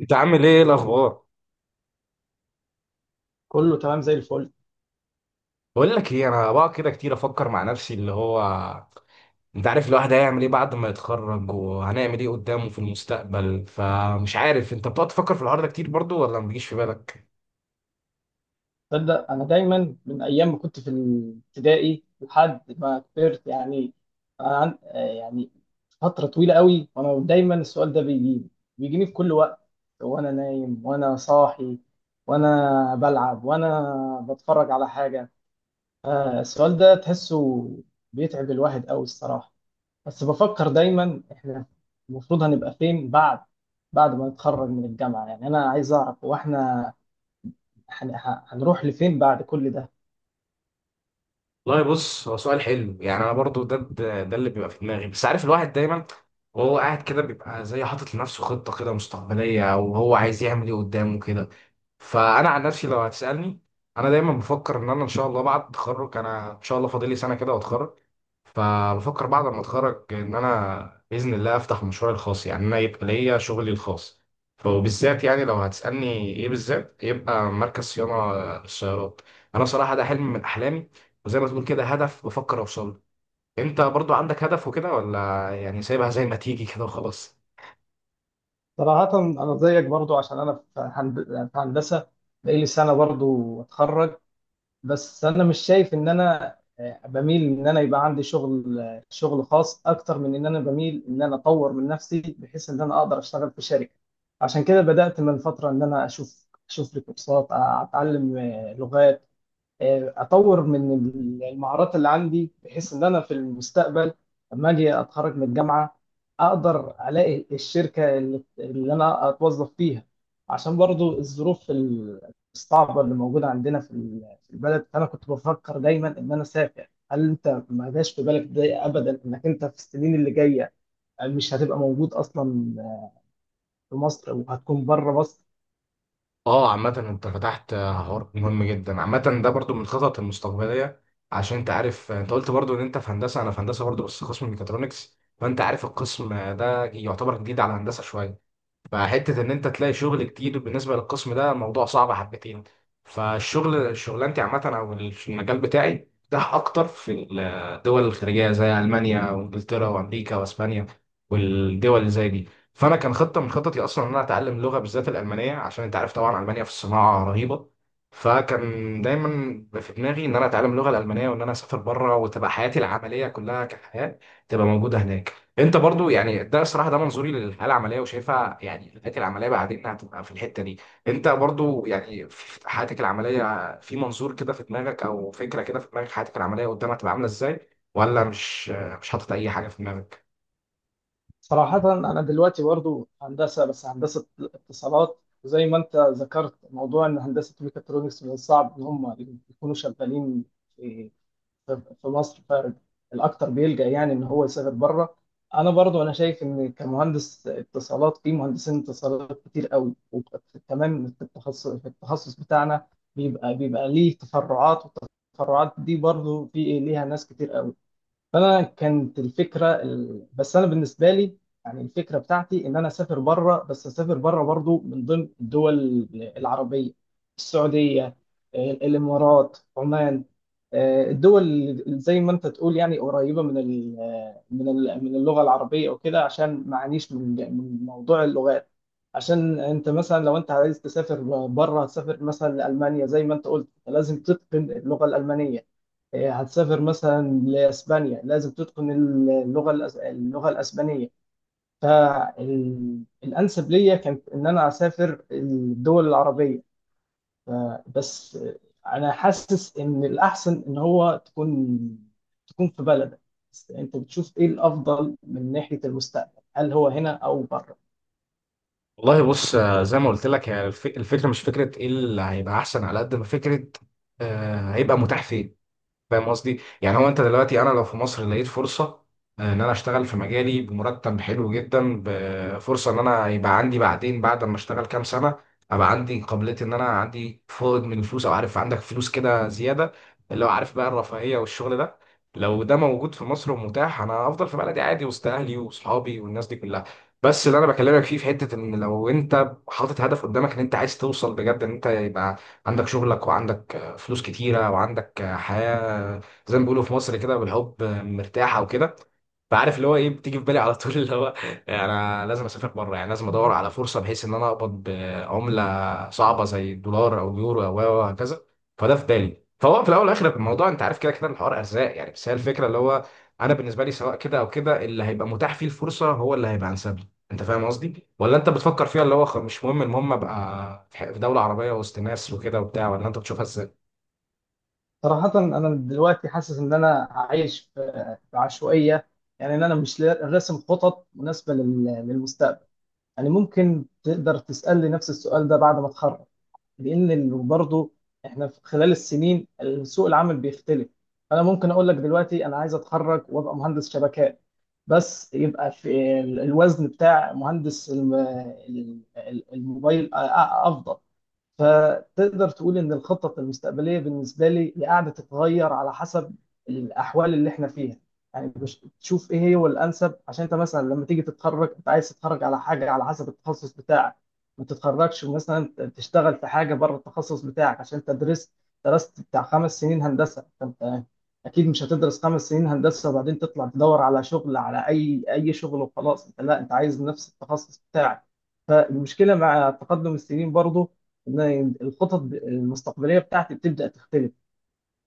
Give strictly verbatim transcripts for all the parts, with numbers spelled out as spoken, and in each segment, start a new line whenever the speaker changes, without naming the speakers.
انت عامل ايه الاخبار؟
كله تمام زي الفل.
بقول لك ايه، انا بقى كده كتير افكر مع نفسي اللي هو انت عارف الواحد هيعمل ايه بعد ما يتخرج وهنعمل ايه قدامه في المستقبل، فمش عارف انت بتقعد تفكر في الحوار ده كتير برضو ولا ما بيجيش في بالك؟
تصدق انا دايما من ايام ما كنت في الابتدائي لحد ما كبرت يعني أنا عن... آه، يعني فتره طويله قوي وانا دايما السؤال ده بيجيني، بيجيني في كل وقت، وانا نايم وانا صاحي، وانا بلعب وانا بتفرج على حاجه. آه، السؤال ده تحسه بيتعب الواحد قوي الصراحه. بس بفكر دايما احنا المفروض هنبقى فين بعد، بعد ما نتخرج من الجامعه. يعني انا عايز اعرف هو احنا هن- ه- هنروح لفين بعد كل ده؟
والله بص، هو سؤال حلو. يعني انا برضو ده ده ده اللي بيبقى في دماغي، بس عارف الواحد دايما وهو قاعد كده بيبقى زي حاطط لنفسه خطة كده مستقبلية او هو عايز يعمل ايه قدامه كده. فانا عن نفسي لو هتسألني، انا دايما بفكر ان انا ان شاء الله بعد التخرج، انا ان شاء الله فاضل لي سنة كده واتخرج، فبفكر بعد ما اتخرج ان انا باذن الله افتح مشروعي الخاص، يعني انا يبقى ليا شغلي الخاص. وبالذات يعني لو هتسالني ايه بالذات، يبقى مركز صيانه للسيارات. انا صراحه ده حلم من احلامي وزي ما تقول كده هدف بفكر اوصل له. انت برضو عندك هدف وكده ولا يعني سايبها زي ما تيجي كده وخلاص؟
صراحة أنا زيك برضو، عشان أنا في هند- في هندسة بقالي سنة برضو أتخرج. بس أنا مش شايف إن أنا، آه، بميل إن أنا يبقى عندي شغل، آه، شغل خاص، أكتر من إن أنا بميل إن أنا أطور من نفسي بحيث إن أنا أقدر أشتغل في شركة. عشان كده بدأت من فترة إن أنا أشوف أشوف لي كورسات، أ- أتعلم آه، لغات، آه، اطور من المهارات اللي عندي، بحيث ان انا في المستقبل لما اجي اتخرج من الجامعه اقدر الاقي الشركه اللي, اللي انا اتوظف فيها. عشان برضو الظروف الصعبه اللي موجوده عندنا في ال- في البلد. فانا كنت بفكر دايما ان انا اسافر. هل انت ما جاش في بالك ده ابدا؟ انك انت في السنين اللي جايه مش هتبقى موجود اصلا في مصر، وهتكون بره مصر.
اه، عامة انت فتحت حوار مهم جدا. عامة ده برضو من الخطط المستقبلية، عشان انت عارف انت قلت برضو ان انت في هندسة، انا في هندسة برضو بس قسم ميكاترونكس. فانت عارف القسم ده يعتبر جديد على هندسة شوية، فحتة إن أنت تلاقي شغل كتير بالنسبة للقسم ده الموضوع صعب حبتين. فالشغل شغلانتي عامة أو المجال بتاعي ده أكتر في الدول الخارجية زي ألمانيا وإنجلترا وأمريكا وأسبانيا والدول اللي زي دي. فأنا كان خطة من خططي أصلا إن أنا أتعلم لغة، بالذات الألمانية، عشان أنت عارف طبعا ألمانيا في الصناعة رهيبة. فكان دايما في دماغي إن أنا أتعلم اللغة الألمانية وإن أنا أسافر بره وتبقى حياتي العملية كلها كحياة تبقى موجودة هناك. انت برضو يعني ده الصراحه ده منظوري للحياه العمليه وشايفها يعني الحياه العمليه بعدين هتبقى في الحته دي. انت برضو يعني في في حياتك العمليه في منظور كده في دماغك او فكره كده في دماغك حياتك العمليه قدام هتبقى عامله ازاي، ولا مش مش حاطط اي حاجه في دماغك؟
صراحة أنا دلوقتي برضو هندسة، بس هندسة اتصالات. وزي ما أنت ذكرت موضوع إن هندسة ميكاترونكس من الصعب إن هم يكونوا شغالين في في في مصر، فالأكثر بيلجأ يعني إن هو يسافر بره. أنا برضو أنا شايف إن كمهندس اتصالات في مهندسين اتصالات كتير قوي، وكمان في التخصص في التخصص بتاعنا بيبقى بيبقى ليه تفرعات، والتفرعات دي برضو في إيه، ليها ناس كتير قوي. فانا كانت الفكره ال... بس انا بالنسبه لي، يعني الفكره بتاعتي ان انا اسافر بره، بس اسافر بره برضو من ضمن الدول العربيه، السعوديه، ال- الامارات، عمان. آه، الدول اللي زي ما انت تقول يعني قريبه من ال... من ال... من اللغه العربيه وكده، عشان ما اعانيش من من موضوع اللغات. عشان انت مثلا لو انت عايز تسافر بره، تسافر مثلا لالمانيا زي ما انت قلت، لازم تتقن اللغه الالمانيه. آه، هتسافر مثلا لاسبانيا لازم تتقن اللغه الأس- اللغه الاسبانيه. فالانسب ليا كانت ان انا اسافر الدول العربيه. ف- بس انا حاسس ان الاحسن ان هو تكون تكون في بلدك. بس انت بتشوف ايه الافضل من ناحيه المستقبل، هل هو هنا او بره؟
والله بص، آه، زي ما قلت لك هي الف- الفكره مش فكره ايه اللي هيبقى احسن، على قد ما فكره آه، هيبقى متاح فين. فاهم قصدي؟ يعني هو انت دلوقتي، انا لو في مصر لقيت فرصه آه، ان انا اشتغل في مجالي بمرتب حلو جدا بفرصه ان انا يبقى عندي بعدين بعد ما اشتغل كام سنه، ابقى عندي قابليه ان انا عندي فائض من الفلوس، او عارف عندك فلوس كده زياده، اللي هو عارف بقى الرفاهيه والشغل ده، لو ده موجود في مصر ومتاح، انا افضل في بلدي عادي وسط اهلي واصحابي والناس دي كلها. بس اللي انا بكلمك فيه في حته ان لو انت حاطط هدف قدامك ان انت عايز توصل بجد ان انت يبقى عندك شغلك وعندك فلوس كتيره وعندك حياه، زي ما بيقولوا في مصر كده، بالحب مرتاحه وكده. فعارف اللي هو ايه بتيجي في بالي على طول، اللي هو انا لازم اسافر بره، يعني لازم ادور على فرصه بحيث ان انا اقبض بعمله صعبه زي الدولار او اليورو او أو وهكذا. فده في بالي. فهو في الاول والاخر في الموضوع، انت عارف كده كده الحوار ارزاق يعني، بس هي الفكره اللي هو انا بالنسبه لي سواء كده او كده، اللي هيبقى متاح فيه الفرصه هو اللي هيبقى انسب لي. انت فاهم قصدي ولا انت بتفكر فيها اللي هو خ- مش مهم، المهم ابقى في ح- في دوله عربيه وسط ناس وكده وبتاع، ولا انت بتشوفها؟
صراحة أنا دلوقتي حاسس إن أنا عايش في في عشوائية، يعني إن أنا مش لا- راسم خطط مناسبة لل- للمستقبل. يعني ممكن تقدر تسألني نفس السؤال ده بعد ما اتخرج، لأن ال- برضه احنا في خلال السنين سوق العمل بيختلف. أنا ممكن أقول لك دلوقتي أنا عايز أتخرج وأبقى مهندس شبكات، بس يبقى في ال- الوزن بتاع مهندس الم- ال- ال- الموبايل أ- أ- أفضل. فتقدر تقول ان الخطط المستقبليه بالنسبه لي هي قاعده تتغير على حسب الاحوال اللي احنا فيها. يعني بش- تشوف ايه هي هو الانسب، عشان انت مثلا لما تيجي تتخرج انت عايز تتخرج على حاجه على حسب التخصص بتاعك. ما تتخرجش مثلا ت- تشتغل في حاجه بره التخصص بتاعك. عشان انت درست درست بتاع خمس سنين هندسه، فانت اكيد مش هتدرس خمس سنين هندسه وبعدين تطلع تدور على شغل، على اي اي شغل وخلاص. انت لا، انت عايز نفس التخصص بتاعك. فالمشكله مع تقدم السنين برضو ان أنا الخطط المستقبليه بتاعتي بتبدا تختلف.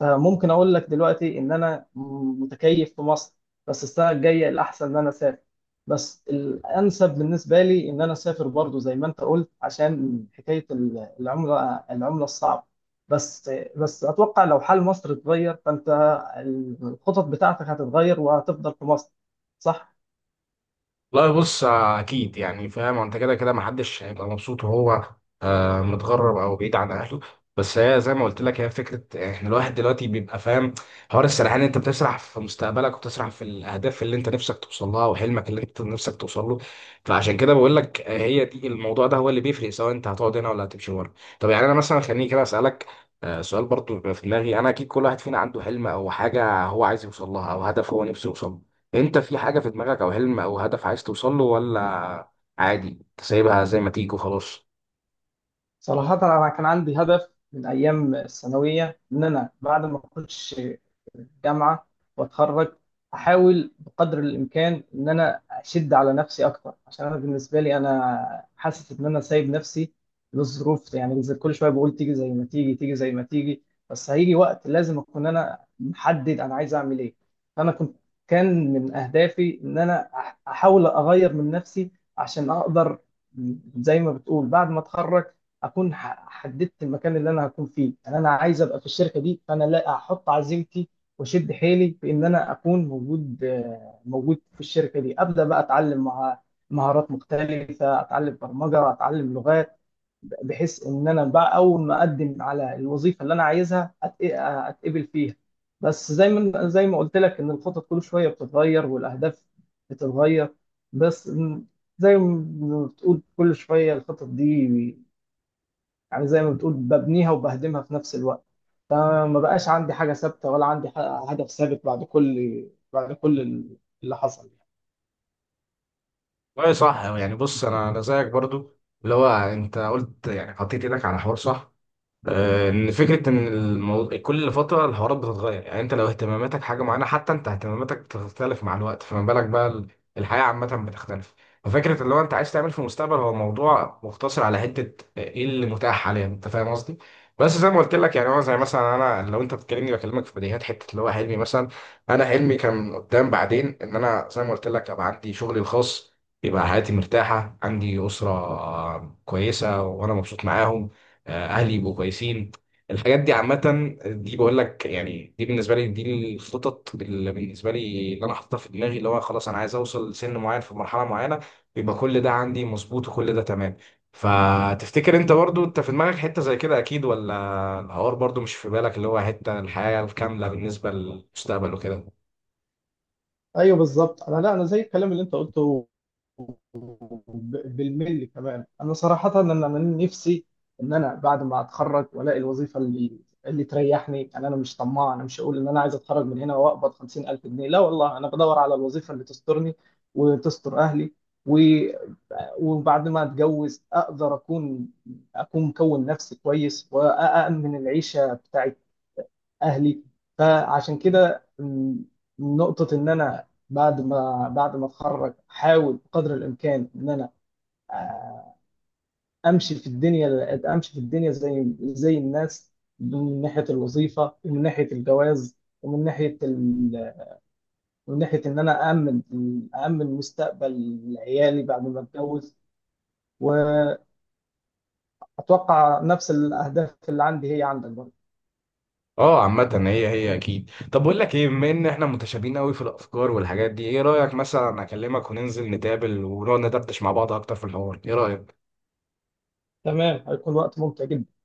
فممكن اقول لك دلوقتي ان انا متكيف في مصر، بس السنه الجايه الاحسن ان انا اسافر. بس الانسب بالنسبه لي ان انا اسافر، برضو زي ما انت قلت، عشان حكايه ال- العمله العمله الصعبه. بس بس اتوقع لو حال مصر اتغير، فانت الخطط بتاعتك هتتغير وهتفضل في مصر، صح.
لا بص، آه، اكيد يعني فاهم، انت كده كده محدش هيبقى مبسوط وهو آه، متغرب او بعيد عن اهله. بس هي زي ما قلت لك هي فكره احنا الواحد دلوقتي بيبقى فاهم، حوار السرحان، انت بتسرح في مستقبلك وبتسرح في الاهداف اللي انت نفسك توصل لها وحلمك اللي انت نفسك توصل له. فعشان كده بقول لك آه، هي دي الموضوع ده هو اللي بيفرق سواء انت هتقعد هنا ولا هتمشي بره. طب يعني انا مثلا خليني كده اسالك آه، سؤال برضو بيبقى في دماغي. انا اكيد كل واحد فينا عنده حلم او حاجه هو عايز يوصل لها او هدف هو نفسه يوصل له. انت في حاجة في دماغك او حلم او هدف عايز توصل له، ولا عادي انت سايبها زي ما تيجي وخلاص؟
صراحة أنا كان عندي هدف من أيام الثانوية إن أنا بعد ما أخش الجامعة وأتخرج، أحاول بقدر الإمكان إن أنا أشد على نفسي أكتر. عشان أنا بالنسبة لي أنا حاسس إن أنا سايب نفسي للظروف، يعني زي- كل شوية بقول تيجي زي ما تيجي، تيجي زي ما تيجي. بس هيجي وقت لازم أكون أنا محدد أنا عايز أعمل إيه. أنا كنت، كان من أهدافي إن أنا أح- أحاول أغير من نفسي، عشان أقدر زي ما بتقول بعد ما أتخرج اكون ح- حددت المكان اللي انا هكون فيه. يعني انا عايز ابقى في الشركه دي، فانا لا احط عزيمتي واشد حيلي في ان انا اكون موجود، آه، موجود في الشركه دي. ابدا بقى اتعلم مع مهارات مختلفه، اتعلم برمجه، اتعلم لغات، بحيث ان انا بقى اول ما اقدم على الوظيفه اللي انا عايزها أت- اتقبل فيها. بس زي ما زي ما قلت لك ان الخطط كل شويه بتتغير، والاهداف بتتغير. بس م- زي ما بتقول كل شويه الخطط دي، يعني زي ما بتقول ببنيها وبهدمها في نفس الوقت. فما بقاش عندي حاجة ثابتة، ولا عندي ح- هدف ثابت بعد كل بعد كل اللي حصل.
والله صح، يعني بص انا انا زيك برضو، اللي هو انت قلت يعني حطيت ايدك على حوار صح، آه، ان فكره ان الموضوع كل فتره الحوارات بتتغير، يعني انت لو اهتماماتك حاجه معينه حتى انت اهتماماتك بتختلف مع الوقت، فما بالك بقى ال- الحياه عامه بتختلف. ففكره اللي هو انت عايز تعمل في المستقبل هو موضوع مقتصر على حته ايه اللي متاح حاليا. انت فاهم قصدي؟ بس زي ما قلت لك يعني، هو زي مثلا انا لو انت بتكلمني بكلمك في بديهيات، حته اللي هو حلمي مثلا، انا حلمي كان قدام بعدين ان انا زي ما قلت لك ابقى عندي شغلي الخاص، يبقى حياتي مرتاحه، عندي اسره آه، كويسه وانا مبسوط معاهم، آه، اهلي يبقوا كويسين. الحاجات دي عامة دي بقول لك، يعني دي بالنسبة لي دي الخطط اللي بالنسبة لي اللي أنا حاططها في دماغي، اللي هو خلاص أنا عايز أوصل لسن معين في مرحلة معينة يبقى كل ده عندي مظبوط وكل ده تمام. فتفتكر أنت برضو أنت في دماغك حتة زي كده أكيد، ولا الحوار برضو مش في بالك اللي هو حتة الحياة الكاملة بالنسبة للمستقبل وكده؟
ايوه بالظبط، انا لا، انا زي الكلام اللي انت قلته ب- بالملي كمان. انا صراحه ان انا نفسي ان انا بعد ما اتخرج والاقي الوظيفه اللي اللي تريحني. يعني انا مش طماع، انا مش هقول ان انا عايز اتخرج من هنا واقبض خمسين الف جنيه، لا والله. انا بدور على الوظيفه اللي تسترني وتستر اهلي و... وبعد ما اتجوز اقدر اكون اكون مكون نفسي كويس، وامن العيشه بتاعت اهلي. فعشان كده م، نقطة ان انا بعد ما بعد ما اتخرج احاول قدر الامكان ان انا امشي في الدنيا امشي في الدنيا زي زي الناس، من ناحية الوظيفة، ومن ناحية الجواز، ومن ناحية ال... من ناحية ان انا أأمن أأمن مستقبل عيالي بعد ما اتجوز. واتوقع نفس الاهداف اللي عندي هي عندك برضه.
اه، عامة هي هي اكيد. طب بقول لك ايه، بما ان احنا متشابهين قوي في الافكار والحاجات دي، ايه رأيك مثلا اكلمك وننزل نتقابل ونقعد ندردش مع بعض اكتر في الحوار؟ ايه رأيك؟
تمام، هيكون وقت ممتع جدا.